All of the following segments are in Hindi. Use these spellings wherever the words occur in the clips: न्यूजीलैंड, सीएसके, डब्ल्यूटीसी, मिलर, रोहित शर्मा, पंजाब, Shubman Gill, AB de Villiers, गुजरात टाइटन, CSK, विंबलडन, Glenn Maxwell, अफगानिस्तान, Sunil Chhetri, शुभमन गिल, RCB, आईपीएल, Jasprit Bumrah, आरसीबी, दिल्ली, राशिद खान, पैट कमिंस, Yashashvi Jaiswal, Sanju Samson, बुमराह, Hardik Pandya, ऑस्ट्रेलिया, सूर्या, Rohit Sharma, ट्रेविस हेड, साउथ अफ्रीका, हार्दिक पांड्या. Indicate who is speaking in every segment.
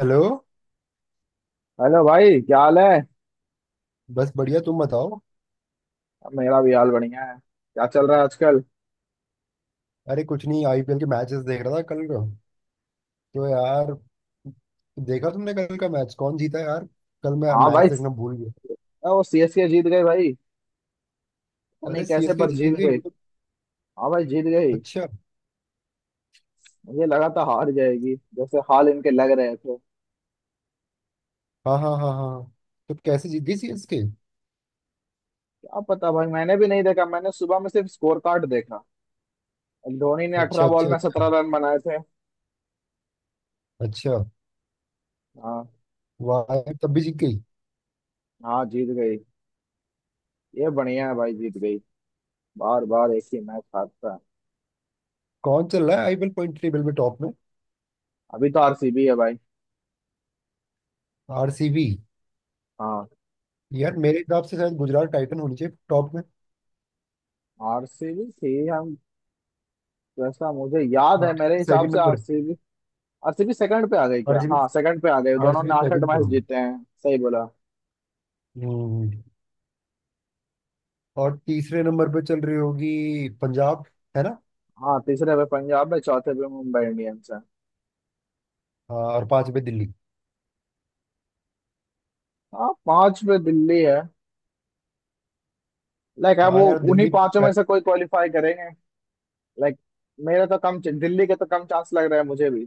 Speaker 1: हेलो।
Speaker 2: हेलो भाई, क्या हाल है।
Speaker 1: बस बढ़िया, तुम बताओ।
Speaker 2: मेरा भी हाल बढ़िया है। क्या चल रहा है आजकल?
Speaker 1: अरे कुछ नहीं, आईपीएल के मैचेस देख रहा था कल का। तो यार, देखा तुमने कल का मैच? कौन जीता यार? कल मैं
Speaker 2: हाँ
Speaker 1: मैच
Speaker 2: भाई।
Speaker 1: देखना भूल गया।
Speaker 2: वो सीएसके जीत गए भाई। पता
Speaker 1: अरे,
Speaker 2: नहीं कैसे
Speaker 1: सीएसके
Speaker 2: पर
Speaker 1: जीत
Speaker 2: जीत
Speaker 1: गई
Speaker 2: गई।
Speaker 1: वो तो?
Speaker 2: हाँ भाई, जीत गई।
Speaker 1: अच्छा।
Speaker 2: मुझे लगा था हार जाएगी, जैसे हाल इनके लग रहे थे।
Speaker 1: हाँ हाँ हाँ हाँ। तो कैसे जीत गई सीएसके?
Speaker 2: क्या पता भाई, मैंने भी नहीं देखा, मैंने सुबह में सिर्फ स्कोर कार्ड देखा। अब धोनी ने अठारह
Speaker 1: अच्छा
Speaker 2: बॉल
Speaker 1: अच्छा
Speaker 2: में
Speaker 1: अच्छा।
Speaker 2: 17 रन बनाए थे।
Speaker 1: अच्छा।
Speaker 2: हाँ।
Speaker 1: वाह यार, तब भी जीत गई।
Speaker 2: हाँ, जीत गई। ये बढ़िया है भाई, जीत गई। बार बार एक ही मैच हारता है।
Speaker 1: कौन चल रहा है आईपीएल पॉइंट टेबल में, टॉप में?
Speaker 2: अभी तो आरसीबी है भाई।
Speaker 1: आरसीबी?
Speaker 2: हाँ।
Speaker 1: यार मेरे हिसाब से शायद गुजरात टाइटन होनी चाहिए टॉप में।
Speaker 2: आरसीबी थी हम, जैसा मुझे याद है, मेरे
Speaker 1: आरसीबी
Speaker 2: हिसाब
Speaker 1: सेकंड
Speaker 2: से
Speaker 1: नंबर?
Speaker 2: आरसीबी। आरसीबी सेकंड पे आ गई क्या?
Speaker 1: आरसीबी।
Speaker 2: हाँ, सेकंड पे आ गई, दोनों
Speaker 1: आरसीबी
Speaker 2: ने आठ आठ
Speaker 1: सेकंड पे
Speaker 2: मैच
Speaker 1: होगी।
Speaker 2: जीते हैं, सही बोला।
Speaker 1: हम्म। और तीसरे नंबर पे चल रही होगी पंजाब, है ना?
Speaker 2: हाँ, तीसरे पे पंजाब है, चौथे पे मुंबई इंडियंस है।
Speaker 1: हाँ, और पांच पे दिल्ली।
Speaker 2: हाँ, पांच पे दिल्ली है। लाइक अब
Speaker 1: हाँ
Speaker 2: वो
Speaker 1: यार,
Speaker 2: उन्हीं
Speaker 1: दिल्ली।
Speaker 2: पांचों
Speaker 1: पै-
Speaker 2: में से कोई क्वालिफाई करेंगे। लाइक मेरे तो कम, दिल्ली के तो कम चांस लग रहा है मुझे भी।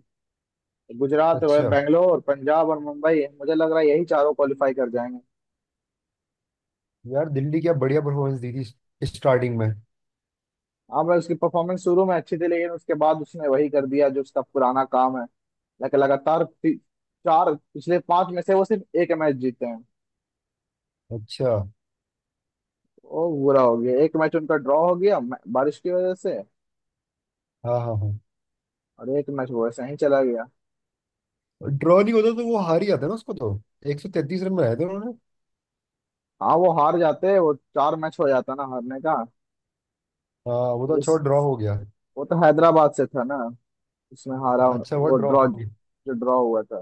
Speaker 2: गुजरात है,
Speaker 1: अच्छा।
Speaker 2: बेंगलोर, पंजाब और मुंबई, मुझे लग रहा है यही चारों क्वालिफाई कर जाएंगे।
Speaker 1: यार दिल्ली क्या बढ़िया परफॉर्मेंस दी थी स्टार्टिंग में।
Speaker 2: हाँ भाई, उसकी परफॉर्मेंस शुरू में अच्छी थी, लेकिन उसके बाद उसने वही कर दिया जो उसका पुराना काम है। लाइक लगातार चार, पिछले पांच में से वो सिर्फ एक मैच जीते हैं।
Speaker 1: अच्छा।
Speaker 2: ओ बुरा हो गया, एक मैच उनका ड्रॉ हो गया बारिश की वजह से।
Speaker 1: हाँ हाँ हाँ।
Speaker 2: और एक मैच वो ऐसे ही चला गया।
Speaker 1: ड्रॉ नहीं होता तो वो हार ही जाता ना, उसको तो। 133 रन बनाए थे उन्होंने।
Speaker 2: हाँ, वो हार जाते, वो चार मैच हो जाता ना हारने का।
Speaker 1: हाँ, वो तो
Speaker 2: इस
Speaker 1: अच्छा ड्रॉ हो गया।
Speaker 2: वो तो हैदराबाद से था ना, उसमें हारा
Speaker 1: हाँ, अच्छा हुआ
Speaker 2: वो
Speaker 1: ड्रॉ
Speaker 2: ड्रॉ,
Speaker 1: हो गया।
Speaker 2: जो ड्रॉ हुआ था।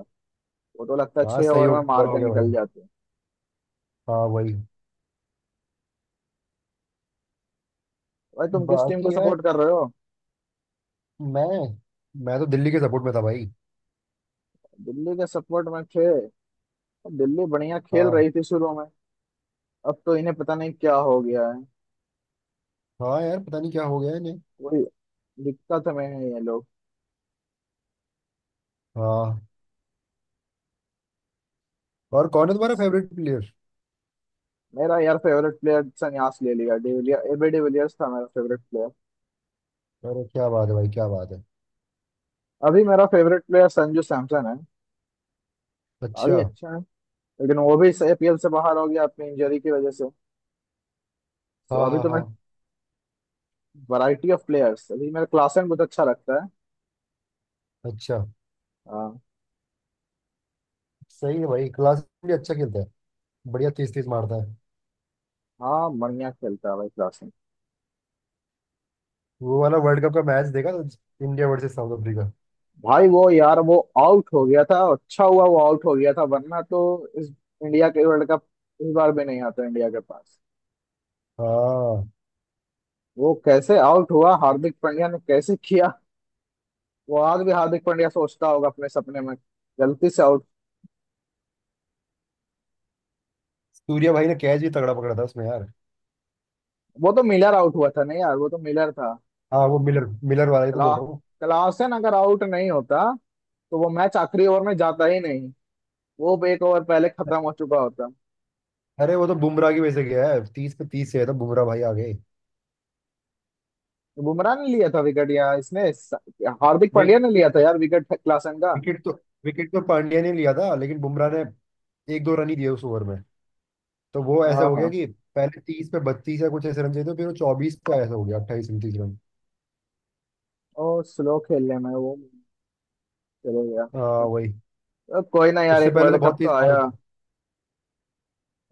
Speaker 2: वो तो लगता है
Speaker 1: हाँ,
Speaker 2: छह
Speaker 1: सही
Speaker 2: ओवर
Speaker 1: हो
Speaker 2: में
Speaker 1: गया,
Speaker 2: मार
Speaker 1: ड्रॉ हो
Speaker 2: के
Speaker 1: गया
Speaker 2: निकल
Speaker 1: भाई।
Speaker 2: जाते।
Speaker 1: हाँ वही।
Speaker 2: भाई तुम किस टीम को
Speaker 1: बाकी यार
Speaker 2: सपोर्ट कर रहे हो?
Speaker 1: मैं मैं तो दिल्ली के सपोर्ट में था भाई।
Speaker 2: दिल्ली के सपोर्ट में थे। दिल्ली बढ़िया खेल
Speaker 1: हाँ।
Speaker 2: रही थी शुरू में। अब तो इन्हें पता नहीं क्या हो गया है।
Speaker 1: हाँ यार, पता नहीं क्या हो गया इन्हें।
Speaker 2: कोई दिक्कत में है ये लोग।
Speaker 1: हाँ। और कौन है तुम्हारा फेवरेट प्लेयर?
Speaker 2: मेरा यार फेवरेट प्लेयर संन्यास ले लिया, डिविलियर, एबी डिविलियर्स था मेरा फेवरेट प्लेयर।
Speaker 1: अरे क्या बात है भाई, क्या बात है।
Speaker 2: अभी मेरा फेवरेट प्लेयर संजू सैमसन है।
Speaker 1: अच्छा।
Speaker 2: खिलाड़ी अच्छा है, लेकिन वो भी एपीएल से बाहर हो गया अपनी इंजरी की वजह से। तो
Speaker 1: हाँ
Speaker 2: अभी
Speaker 1: हाँ
Speaker 2: तो मैं
Speaker 1: हाँ।
Speaker 2: वैरायटी ऑफ प्लेयर्स, अभी मेरा क्लासन बहुत अच्छा लगता है।
Speaker 1: अच्छा।
Speaker 2: हाँ।
Speaker 1: सही है भाई, क्लास भी अच्छा खेलता है। बढ़िया तीस तीस मारता है।
Speaker 2: हाँ, बढ़िया खेलता है भाई क्लासन।
Speaker 1: वो वाला वर्ल्ड कप का मैच देखा था, इंडिया वर्सेस साउथ अफ्रीका।
Speaker 2: भाई वो यार, वो आउट हो गया था, अच्छा हुआ वो आउट हो गया था, वरना तो इस इंडिया के वर्ल्ड कप, इस बार भी नहीं आता इंडिया के पास।
Speaker 1: हाँ,
Speaker 2: वो कैसे आउट हुआ हार्दिक पांड्या ने, कैसे किया? वो आज भी हार्दिक पांड्या सोचता होगा अपने सपने में, गलती से आउट।
Speaker 1: सूर्या भाई ने कैच भी तगड़ा पकड़ा था उसमें यार।
Speaker 2: वो तो मिलर आउट हुआ था, नहीं यार, वो तो मिलर था।
Speaker 1: हाँ, वो मिलर, मिलर वाला ही तो
Speaker 2: क्ला
Speaker 1: बोल रहा हूँ।
Speaker 2: क्लासन अगर आउट नहीं होता तो वो मैच आखिरी ओवर में जाता ही नहीं, वो एक ओवर पहले खत्म हो चुका होता।
Speaker 1: अरे वो तो बुमराह की वजह से गया है, तीस पे तीस से है तो बुमराह भाई आ गए।
Speaker 2: तो बुमराह ने लिया था विकेट यार, इसने हार्दिक
Speaker 1: नहीं,
Speaker 2: पांड्या ने लिया था यार विकेट, क्लासन का।
Speaker 1: विकेट तो, विकेट तो पांड्या ने लिया था, लेकिन बुमराह ने एक दो रन ही दिए उस ओवर में। तो वो ऐसा हो गया
Speaker 2: हाँ।
Speaker 1: कि पहले 30 पे 32 या कुछ ऐसे रन चाहिए थे, फिर वो 24 पे ऐसा हो गया, 28 29 रन।
Speaker 2: और स्लो खेलने में वो चले गया।
Speaker 1: हाँ वही।
Speaker 2: अब कोई ना यार,
Speaker 1: उससे
Speaker 2: एक
Speaker 1: पहले तो
Speaker 2: वर्ल्ड कप
Speaker 1: बहुत
Speaker 2: तो
Speaker 1: तेज मार
Speaker 2: आया।
Speaker 1: होती।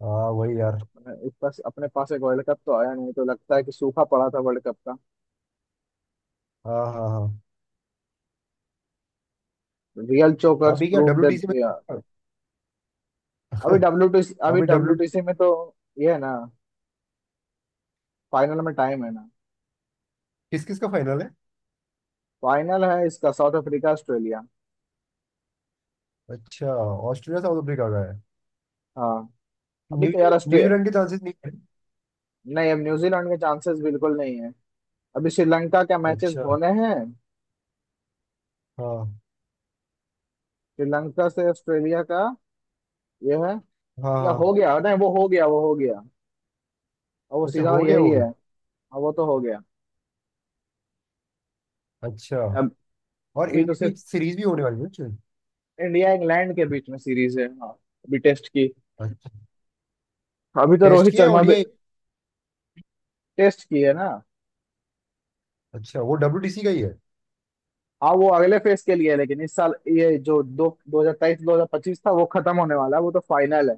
Speaker 1: हाँ वही यार।
Speaker 2: इस पास, अपने पास एक वर्ल्ड कप तो आया, नहीं तो लगता है कि सूखा पड़ा था वर्ल्ड कप का।
Speaker 1: हाँ हाँ हाँ।
Speaker 2: रियल चोकर्स
Speaker 1: अभी क्या
Speaker 2: प्रूव दैट।
Speaker 1: डब्ल्यूटीसी में?
Speaker 2: अभी डब्ल्यू टी सी, अभी
Speaker 1: अभी
Speaker 2: डब्ल्यू
Speaker 1: डब्ल्यू
Speaker 2: टी सी में तो ये है ना, फाइनल में टाइम है ना।
Speaker 1: किस किस का फाइनल है?
Speaker 2: फाइनल है इसका, साउथ अफ्रीका, ऑस्ट्रेलिया।
Speaker 1: अच्छा, ऑस्ट्रेलिया साउथ अफ्रीका का है।
Speaker 2: हाँ। अभी तो
Speaker 1: न्यूजी
Speaker 2: यार ऑस्ट्रे।
Speaker 1: न्यूजीलैंड के चांसेस नहीं है?
Speaker 2: नहीं, अब न्यूजीलैंड के चांसेस बिल्कुल नहीं है। अभी श्रीलंका के मैचेस
Speaker 1: अच्छा।
Speaker 2: होने हैं।
Speaker 1: हाँ
Speaker 2: श्रीलंका से ऑस्ट्रेलिया का ये है,
Speaker 1: हाँ
Speaker 2: या
Speaker 1: हाँ।
Speaker 2: हो गया? नहीं, वो हो गया, वो हो गया। और वो
Speaker 1: अच्छा,
Speaker 2: सीधा
Speaker 1: हो गया
Speaker 2: यही
Speaker 1: वो
Speaker 2: है।
Speaker 1: भी।
Speaker 2: हाँ, वो तो हो गया।
Speaker 1: अच्छा।
Speaker 2: अब
Speaker 1: और
Speaker 2: अभी तो
Speaker 1: इंडिया की
Speaker 2: सिर्फ
Speaker 1: सीरीज भी होने वाली है? अच्छा।
Speaker 2: इंडिया इंग्लैंड के बीच में सीरीज है, हाँ, अभी टेस्ट की।
Speaker 1: अच्छा,
Speaker 2: अभी तो
Speaker 1: टेस्ट
Speaker 2: रोहित
Speaker 1: की है
Speaker 2: शर्मा भी,
Speaker 1: ओडीआई?
Speaker 2: टेस्ट की है ना।
Speaker 1: अच्छा, वो डब्ल्यूटीसी का ही है।
Speaker 2: हाँ, वो अगले फेज के लिए है, लेकिन इस साल ये जो दो 2023 2025 था, वो खत्म होने वाला है, वो तो फाइनल है।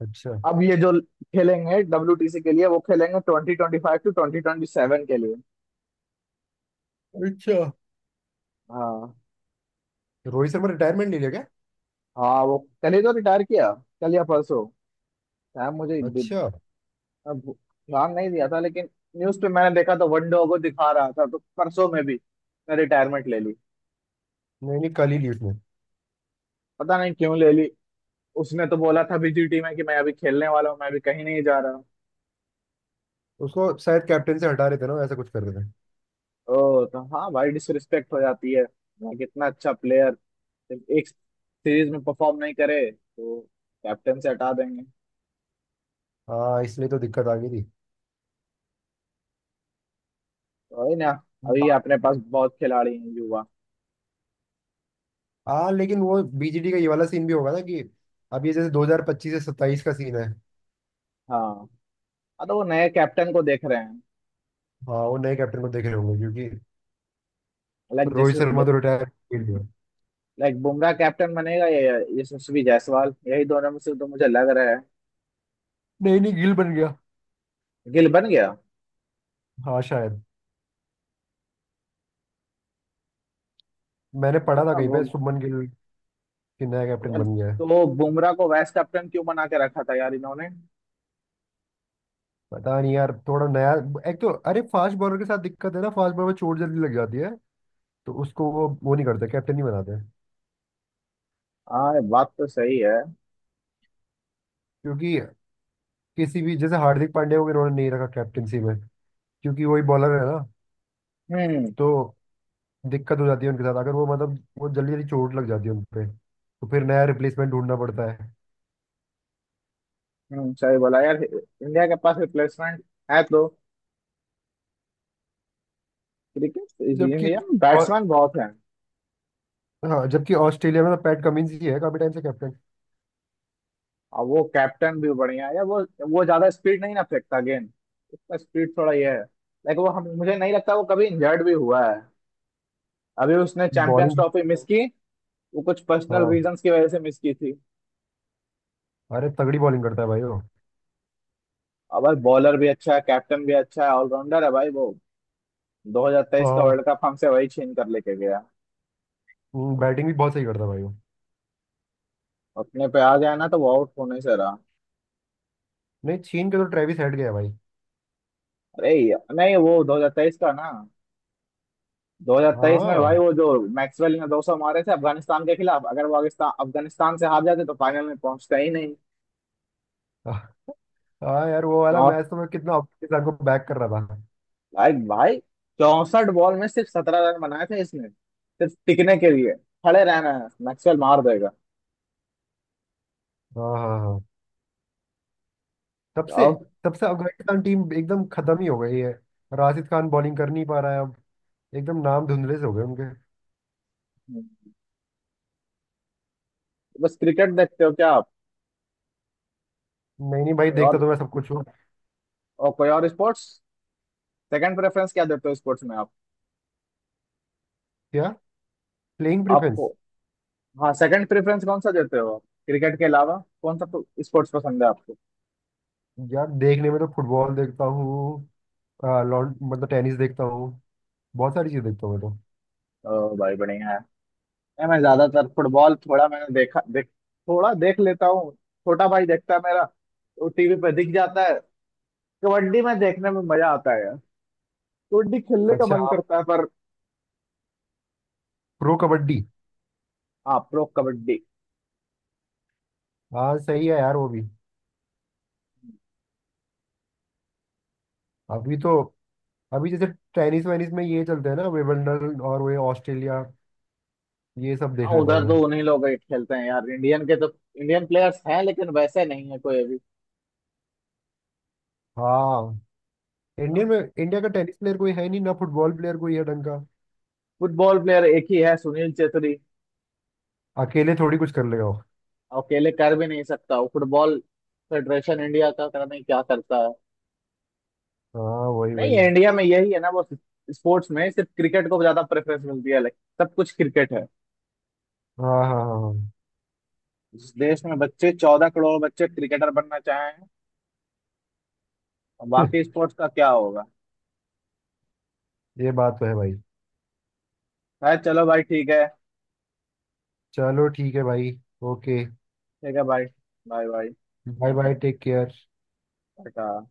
Speaker 1: अच्छा।
Speaker 2: अब ये जो खेलेंगे डब्ल्यूटीसी के लिए, वो खेलेंगे 2025 टू 2027 के लिए।
Speaker 1: अच्छा।
Speaker 2: हाँ।
Speaker 1: रोहित शर्मा रिटायरमेंट ले लिया क्या?
Speaker 2: हाँ, वो कल ही तो रिटायर किया, कल या परसों शायद, मुझे
Speaker 1: अच्छा।
Speaker 2: अब ध्यान नहीं दिया था, लेकिन न्यूज पे मैंने देखा तो वन को दिखा रहा था, तो परसों में भी रिटायरमेंट ले ली।
Speaker 1: नहीं नहीं, कल ही ली उसने।
Speaker 2: पता नहीं क्यों ले ली, उसने तो बोला था बीजी टीम में कि मैं अभी खेलने वाला हूँ, मैं अभी कहीं नहीं जा रहा।
Speaker 1: उसको शायद कैप्टन से हटा रहे थे ना, ऐसा कुछ कर रहे थे।
Speaker 2: ओ तो हाँ भाई, डिसरिस्पेक्ट हो जाती है कि इतना अच्छा प्लेयर एक सीरीज में परफॉर्म नहीं करे तो कैप्टन से हटा देंगे।
Speaker 1: हाँ, इसलिए तो दिक्कत आ गई
Speaker 2: तो वही ना। अभी
Speaker 1: थी।
Speaker 2: अपने पास बहुत खिलाड़ी हैं, युवा।
Speaker 1: हाँ लेकिन वो बीजीडी का ये वाला सीन भी होगा ना कि अब, ये जैसे 2025 से 27 का सीन है।
Speaker 2: हाँ, हाँ तो वो नए कैप्टन को देख रहे हैं।
Speaker 1: हाँ, वो नए कैप्टन को देख रहे होंगे क्योंकि
Speaker 2: लाइक
Speaker 1: रोहित
Speaker 2: जैसे,
Speaker 1: शर्मा तो रिटायर। गिल गया।
Speaker 2: लाइक बुमराह कैप्टन बनेगा या यशस्वी जायसवाल, यही दोनों में से तो मुझे लग रहा है।
Speaker 1: नहीं नहीं, गिल बन गया।
Speaker 2: गिल बन गया,
Speaker 1: हाँ शायद। मैंने
Speaker 2: अच्छा
Speaker 1: पढ़ा था
Speaker 2: था
Speaker 1: कहीं
Speaker 2: वो।
Speaker 1: पे, शुभमन गिल कि नया कैप्टन
Speaker 2: यार,
Speaker 1: बन गया है।
Speaker 2: तो बुमराह को वाइस कैप्टन क्यों बना के रखा था यार इन्होंने।
Speaker 1: पता नहीं यार, थोड़ा नया। एक तो अरे, फास्ट बॉलर के साथ दिक्कत है ना, फास्ट बॉलर में चोट जल्दी लग जाती है। तो उसको वो नहीं करते, कैप्टन नहीं बनाते।
Speaker 2: हाँ, ये बात तो सही है।
Speaker 1: क्योंकि किसी भी जैसे हार्दिक पांड्या को भी इन्होंने नहीं रखा कैप्टनसी में, क्योंकि वही बॉलर है ना।
Speaker 2: हम्म।
Speaker 1: तो दिक्कत हो जाती है उनके साथ, अगर वो मतलब वो जल्दी जल्दी चोट लग जाती है उनपे, तो फिर नया रिप्लेसमेंट ढूंढना पड़ता है।
Speaker 2: सही बोला यार, इंडिया के पास रिप्लेसमेंट है तो। क्रिकेट, इंडिया
Speaker 1: जबकि।
Speaker 2: में
Speaker 1: और
Speaker 2: बैट्समैन बहुत हैं।
Speaker 1: हाँ, जबकि ऑस्ट्रेलिया में तो पैट कमिंस ही है काफी टाइम से कैप्टन।
Speaker 2: और वो कैप्टन भी बढ़िया है वो ज्यादा स्पीड नहीं ना फेंकता गेंद। उसका स्पीड थोड़ा ये है, लाइक वो हम मुझे नहीं लगता वो कभी इंजर्ड भी हुआ है। अभी उसने चैंपियंस
Speaker 1: बॉलिंग।
Speaker 2: ट्रॉफी मिस की, वो कुछ पर्सनल
Speaker 1: हाँ।
Speaker 2: रीजंस की वजह से मिस की थी।
Speaker 1: अरे तगड़ी बॉलिंग करता है भाई वो।
Speaker 2: और भाई बॉलर भी अच्छा है, कैप्टन भी अच्छा है, ऑलराउंडर है भाई वो। 2023 का
Speaker 1: हाँ,
Speaker 2: वर्ल्ड कप हमसे वही छीन कर लेके गया।
Speaker 1: बैटिंग भी बहुत सही करता है भाई वो।
Speaker 2: अपने पे आ गया ना तो वो आउट होने से रहा।
Speaker 1: नहीं, छीन के तो ट्रेविस हेड गया भाई।
Speaker 2: अरे यार, नहीं वो 2023 का ना, 2023 में भाई
Speaker 1: हाँ
Speaker 2: वो जो मैक्सवेल ने 200 मारे थे अफगानिस्तान के खिलाफ, अगर वो अफगानिस्तान अफगानिस्तान से हार जाते तो फाइनल में पहुंचता ही नहीं।
Speaker 1: हाँ यार, वो वाला
Speaker 2: चौ,
Speaker 1: मैच तो मैं कितना अफगानिस्तान को बैक कर रहा था।
Speaker 2: भाई भाई, 64 बॉल में सिर्फ 17 रन बनाए थे इसने, सिर्फ टिकने के लिए, खड़े रहना है, मैक्सवेल मार देगा।
Speaker 1: हाँ हाँ हाँ। तब से
Speaker 2: और
Speaker 1: तब से अफगानिस्तान टीम एकदम खत्म ही हो गई है। राशिद खान बॉलिंग कर नहीं पा रहा है अब। एकदम नाम धुंधले से हो गए उनके।
Speaker 2: बस, क्रिकेट देखते हो क्या आप?
Speaker 1: नहीं नहीं भाई,
Speaker 2: कोई
Speaker 1: देखता
Speaker 2: और,
Speaker 1: तो मैं सब कुछ हूँ।
Speaker 2: और कोई और स्पोर्ट्स, सेकंड प्रेफरेंस क्या देते हो स्पोर्ट्स में आप?
Speaker 1: क्या? प्लेइंग
Speaker 2: आपको,
Speaker 1: प्रेफरेंस?
Speaker 2: हाँ, सेकंड प्रेफरेंस कौन सा देते हो आप, क्रिकेट के अलावा कौन सा तो स्पोर्ट्स पसंद है आपको?
Speaker 1: यार देखने में तो फुटबॉल देखता हूँ। आ, लॉन मतलब टेनिस देखता हूँ। बहुत सारी चीज़ देखता हूँ मैं।
Speaker 2: ओ भाई बढ़िया। नहीं, मैं ज्यादातर फुटबॉल थोड़ा मैंने देखा देख, थोड़ा देख लेता हूँ, छोटा भाई देखता है मेरा, वो टीवी पे दिख जाता है। कबड्डी में देखने में मजा आता है यार, कबड्डी खेलने
Speaker 1: तो
Speaker 2: का
Speaker 1: अच्छा।
Speaker 2: मन
Speaker 1: आप
Speaker 2: करता है पर।
Speaker 1: प्रो कबड्डी?
Speaker 2: हाँ, प्रो कबड्डी।
Speaker 1: हाँ, सही है यार, वो भी। अभी तो, अभी जैसे टेनिस वेनिस में ये चलते हैं ना विंबलडन, और वो ऑस्ट्रेलिया। ये सब
Speaker 2: हाँ
Speaker 1: देख लेता
Speaker 2: उधर
Speaker 1: हूँ मैं।
Speaker 2: तो उन्हीं लोग ही खेलते हैं यार, इंडियन के तो इंडियन प्लेयर्स हैं, लेकिन वैसे नहीं है कोई अभी।
Speaker 1: हाँ, इंडियन में इंडिया का टेनिस प्लेयर कोई है नहीं ना, फुटबॉल प्लेयर कोई है ढंग का।
Speaker 2: फुटबॉल प्लेयर एक ही है, सुनील छेत्री।
Speaker 1: अकेले थोड़ी कुछ कर लेगा वो।
Speaker 2: और अकेले कर भी नहीं सकता वो, फुटबॉल फेडरेशन इंडिया का पता नहीं क्या करता है।
Speaker 1: हाँ वही
Speaker 2: नहीं,
Speaker 1: वही।
Speaker 2: इंडिया में यही है ना वो, स्पोर्ट्स में सिर्फ क्रिकेट को ज्यादा प्रेफरेंस मिलती है, लाइक सब कुछ क्रिकेट है।
Speaker 1: हाँ हाँ हाँ।
Speaker 2: जिस देश में बच्चे, 14 करोड़ बच्चे क्रिकेटर बनना चाहें, और
Speaker 1: हाँ।
Speaker 2: बाकी स्पोर्ट्स का क्या होगा।
Speaker 1: ये बात तो है भाई।
Speaker 2: है, चलो भाई ठीक है।
Speaker 1: चलो, ठीक है भाई। ओके।
Speaker 2: ठीक है भाई, bye bye,
Speaker 1: bye bye, take care.
Speaker 2: Tata.